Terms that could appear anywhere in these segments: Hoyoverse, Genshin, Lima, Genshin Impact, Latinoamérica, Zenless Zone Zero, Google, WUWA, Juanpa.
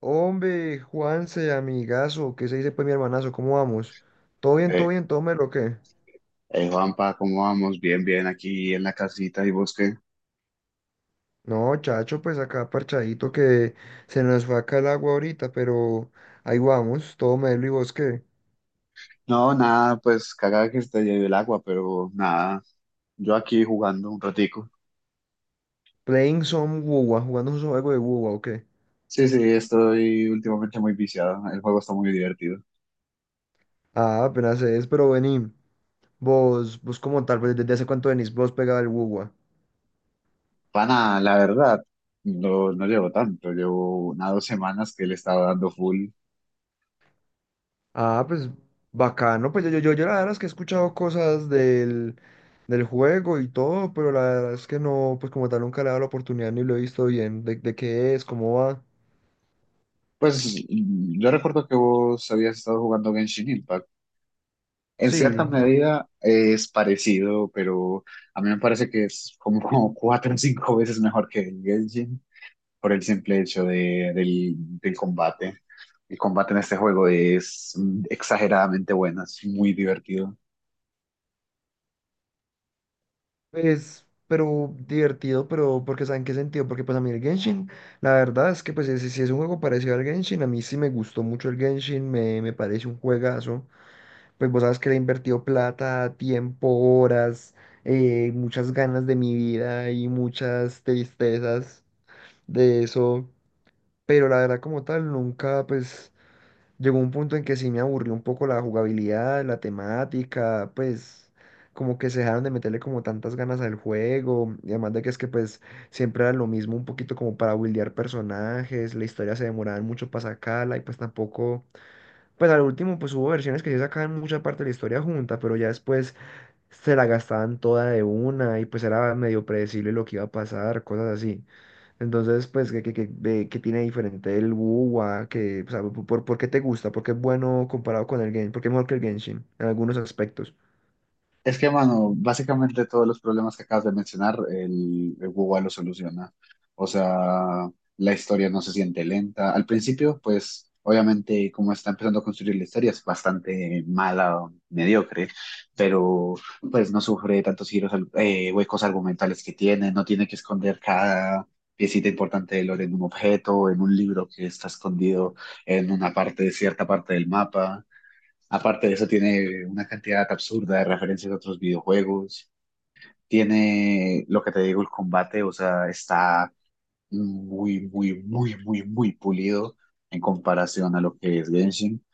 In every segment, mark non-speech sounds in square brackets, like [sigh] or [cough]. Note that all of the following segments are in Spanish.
Hombre, Juanse, amigazo, ¿qué se dice pues mi hermanazo? ¿Cómo vamos? ¿Todo bien, Eh, todo bien, todo lo que? Juanpa, ¿cómo vamos? Bien, bien, aquí en la casita y busqué. No, chacho, pues acá parchadito que se nos fue acá el agua ahorita, pero ahí vamos, todo melo y vos qué. No, nada, pues cagada que se te lleve el agua, pero nada, yo aquí jugando un ratico. Playing some WUWA, jugando un juego de WUWA, ¿o qué? Sí, sí, estoy últimamente muy viciado, el juego está muy divertido. Ah, apenas es, pero vení, vos como tal, pues desde hace cuánto venís vos pegado al WUWA. Pana, la verdad, no llevo tanto, llevo unas 2 semanas que le estaba dando full. Ah, pues bacano, pues yo la verdad es que he escuchado cosas del juego y todo, pero la verdad es que no, pues como tal nunca le he dado la oportunidad ni lo he visto bien, de qué es, cómo va. Pues yo recuerdo que vos habías estado jugando Genshin Impact. En Sí, cierta a mí medida es parecido, pero a mí me parece que es como, como cuatro o cinco veces mejor que el Genshin por el simple hecho del combate. El combate en este juego es exageradamente bueno, es muy divertido. es, pero divertido, pero porque ¿saben qué sentido? Porque pues a mí el Genshin, la verdad es que pues si es un juego parecido al Genshin, a mí sí me gustó mucho el Genshin, me parece un juegazo. Pues vos sabes que le he invertido plata, tiempo, horas, muchas ganas de mi vida y muchas tristezas de eso. Pero la verdad como tal, nunca pues llegó un punto en que sí me aburrió un poco la jugabilidad, la temática, pues como que se dejaron de meterle como tantas ganas al juego. Y además de que es que pues siempre era lo mismo, un poquito como para buildear personajes, la historia se demoraba mucho para sacarla y pues tampoco pues al último, pues hubo versiones que sí sacaban mucha parte de la historia junta, pero ya después se la gastaban toda de una y pues era medio predecible lo que iba a pasar, cosas así. Entonces, pues, ¿qué tiene diferente el WoW? Que, o sea, ¿por qué te gusta? ¿Por qué es bueno comparado con el Genshin? ¿Por qué es mejor que el Genshin en algunos aspectos? Es que, mano, básicamente todos los problemas que acabas de mencionar, el Google lo soluciona. O sea, la historia no se siente lenta. Al principio, pues, obviamente, como está empezando a construir la historia, es bastante mala, mediocre, pero pues no sufre tantos giros, huecos argumentales que tiene, no tiene que esconder cada piecita importante del lore en un objeto, en un libro que está escondido en una parte, cierta parte del mapa. Aparte de eso, tiene una cantidad absurda de referencias a otros videojuegos. Tiene lo que te digo, el combate, o sea, está muy, muy, muy, muy, muy pulido en comparación a lo que es Genshin,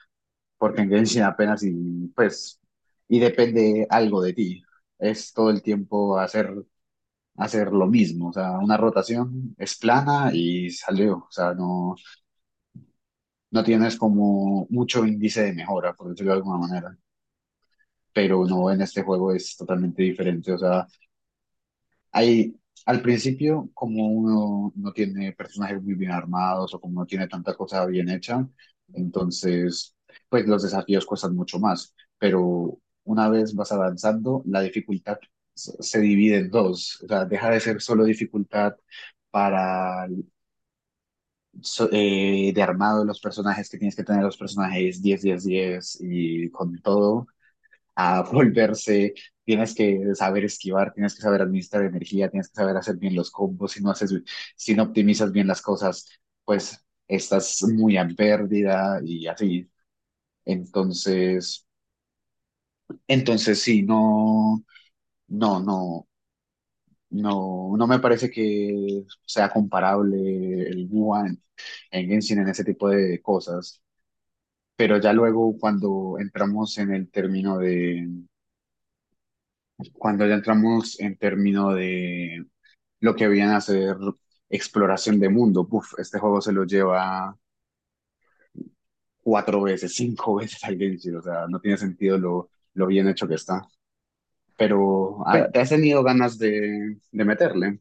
porque en Genshin apenas y pues, y depende algo de ti. Es todo el tiempo hacer lo mismo, o sea, una rotación es plana y salió, o sea, no, no tienes como mucho índice de mejora, por decirlo de alguna manera. Pero no, en este juego es totalmente diferente. O sea, hay, al principio, como uno no tiene personajes muy bien armados o como no tiene tanta cosa bien hecha, entonces, pues los desafíos cuestan mucho más, pero una vez vas avanzando, la dificultad se divide en dos, o sea, deja de ser solo dificultad para el de armado de los personajes, que tienes que tener los personajes 10 10 10 y con todo, a volverse, tienes que saber esquivar, tienes que saber administrar energía, tienes que saber hacer bien los combos, si no haces, si no optimizas bien las cosas, pues estás muy a pérdida y así. Entonces, entonces sí, no, no, no me parece que sea comparable el Wuhan en Genshin en ese tipo de cosas. Pero ya luego cuando entramos en el término cuando ya entramos en término de lo que habían hacer exploración de mundo. Uf, este juego se lo lleva cuatro veces, cinco veces al Genshin, o sea, no tiene sentido lo bien hecho que está. Pero, Pues, ¿te has tenido ganas de meterle?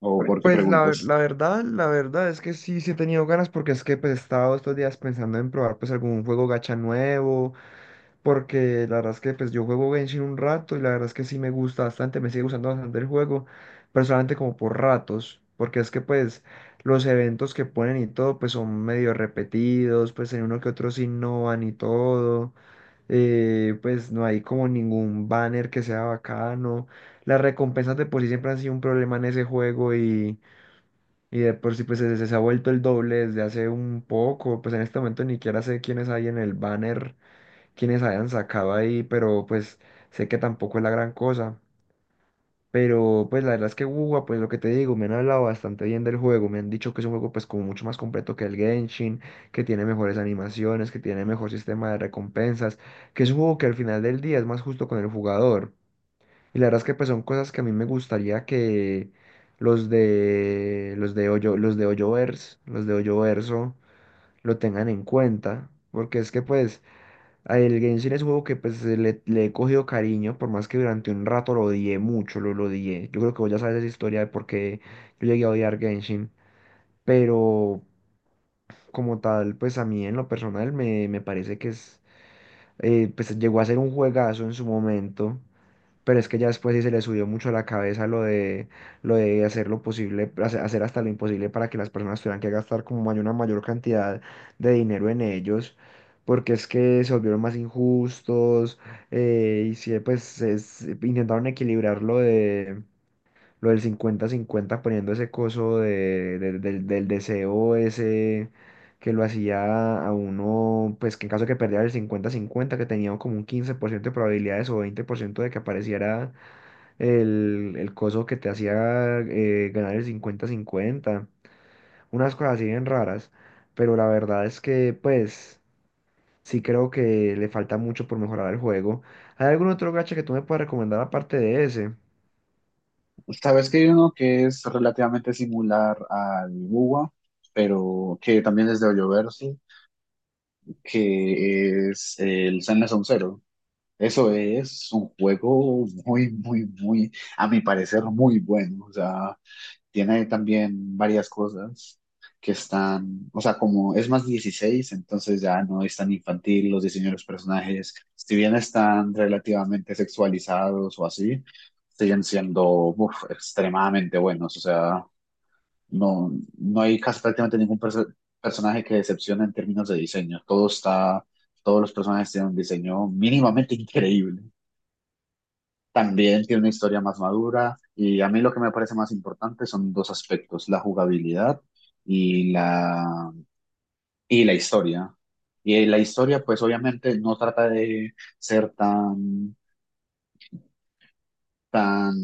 ¿O por qué pues la, ver- preguntas? la verdad, la verdad es que sí, sí he tenido ganas porque es que pues he estado estos días pensando en probar pues algún juego gacha nuevo. Porque la verdad es que pues yo juego Genshin un rato y la verdad es que sí me gusta bastante, me sigue gustando bastante el juego, pero solamente como por ratos, porque es que pues los eventos que ponen y todo pues son medio repetidos, pues en uno que otro sí no van y todo, pues no hay como ningún banner que sea bacano, las recompensas de por sí siempre han sido un problema en ese juego y de por sí pues se ha vuelto el doble desde hace un poco, pues en este momento ni siquiera sé quiénes hay en el banner quienes hayan sacado ahí, pero pues sé que tampoco es la gran cosa. Pero pues la verdad es que Wuwa, pues lo que te digo, me han hablado bastante bien del juego, me han dicho que es un juego pues como mucho más completo que el Genshin, que tiene mejores animaciones, que tiene mejor sistema de recompensas, que es un juego que al final del día es más justo con el jugador. Y la verdad es que pues son cosas que a mí me gustaría que los de Hoyo, los de Hoyoverse, los de Hoyoverso lo tengan en cuenta, porque es que pues ah, el Genshin es un juego que pues le he cogido cariño, por más que durante un rato lo odié mucho, lo odié. Yo creo que vos ya sabes esa historia de por qué yo llegué a odiar Genshin, pero como tal, pues a mí en lo personal me parece que es, pues llegó a ser un juegazo en su momento. Pero es que ya después sí se le subió mucho a la cabeza lo de hacer lo posible, hacer hasta lo imposible para que las personas tuvieran que gastar como una mayor cantidad de dinero en ellos, porque es que se volvieron más injustos, y sí, pues intentaron equilibrar lo del 50/50 poniendo ese coso del deseo ese que lo hacía a uno, pues que en caso de que perdiera el 50/50 que tenía como un 15% de probabilidades o 20% de que apareciera el coso que te hacía ganar el 50/50, unas cosas así bien raras, pero la verdad es que pues sí creo que le falta mucho por mejorar el juego. ¿Hay algún otro gacha que tú me puedas recomendar aparte de ese? Sabes que hay uno que es relativamente similar al Buwa, pero que también es de Hoyoverse, que es el Zenless on Zero. Eso es un juego muy, muy, muy, a mi parecer, muy bueno. O sea, tiene también varias cosas que están, o sea, como es más 16, entonces ya no es tan infantil los diseños de los personajes. Si bien están relativamente sexualizados o así, siguen siendo uf, extremadamente buenos. O sea, no, no hay casi prácticamente ningún personaje que decepcione en términos de diseño. Todo está, todos los personajes tienen un diseño mínimamente increíble. También tiene una historia más madura y a mí lo que me parece más importante son dos aspectos, la jugabilidad y la, y la historia. Y la historia, pues obviamente no trata de ser tan, tan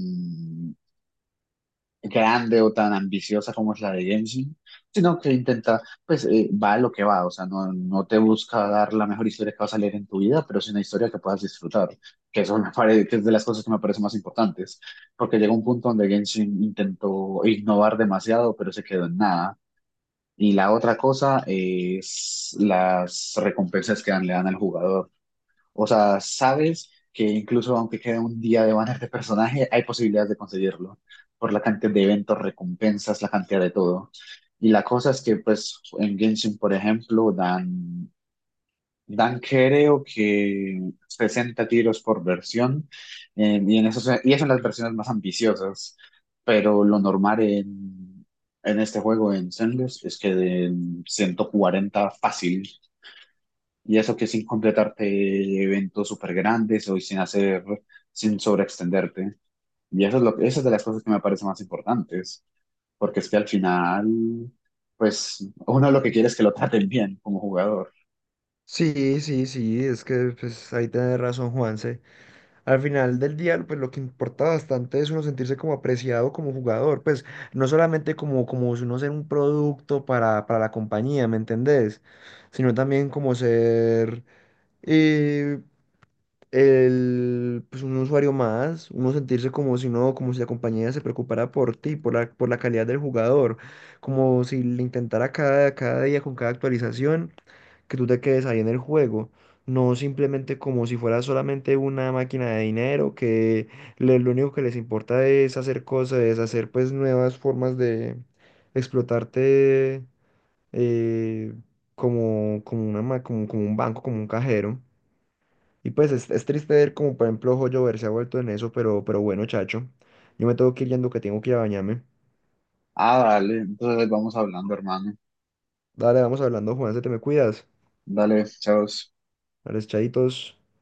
grande o tan ambiciosa como es la de Genshin, sino que intenta, pues va a lo que va, o sea, no, no te busca dar la mejor historia que vas a leer en tu vida, pero es una historia que puedas disfrutar, que eso me parece, [laughs] que es de las cosas que me parecen más importantes, porque llegó un punto donde Genshin intentó innovar demasiado, pero se quedó en nada. Y la otra cosa es las recompensas que le dan al jugador. O sea, sabes que incluso aunque quede un día de banner de personaje, hay posibilidades de conseguirlo por la cantidad de eventos, recompensas, la cantidad de todo. Y la cosa es que, pues, en Genshin, por ejemplo, dan creo que 60 tiros por versión, en esos, y eso en las versiones más ambiciosas, pero lo normal en este juego, en Zenless, es que den 140 fácil. Y eso que sin completarte eventos súper grandes o sin hacer, sin sobreextenderte. Y eso es lo, eso es de las cosas que me parecen más importantes, porque es que al final, pues uno lo que quiere es que lo traten bien como jugador. Sí, sí, sí, es que pues ahí tenés razón, Juanse. Al final del día, pues lo que importa bastante es uno sentirse como apreciado como jugador, pues no solamente como si uno ser un producto para la compañía, ¿me entendés? Sino también como ser eh, pues un usuario más, uno sentirse como si no, como si la compañía se preocupara por ti, por la calidad del jugador, como si le intentara cada día con cada actualización que tú te quedes ahí en el juego. No simplemente como si fuera solamente una máquina de dinero que lo único que les importa es hacer cosas, es hacer pues nuevas formas de explotarte eh, como un banco, como un cajero. Y pues es triste ver como por ejemplo Joyo Ver se ha vuelto en eso, pero bueno, chacho. Yo me tengo que ir yendo que tengo que ir a bañarme. Ah, dale, entonces vamos hablando, hermano. Dale, vamos hablando, Juan, se te me cuidas. Dale, chao. Dale, chaditos.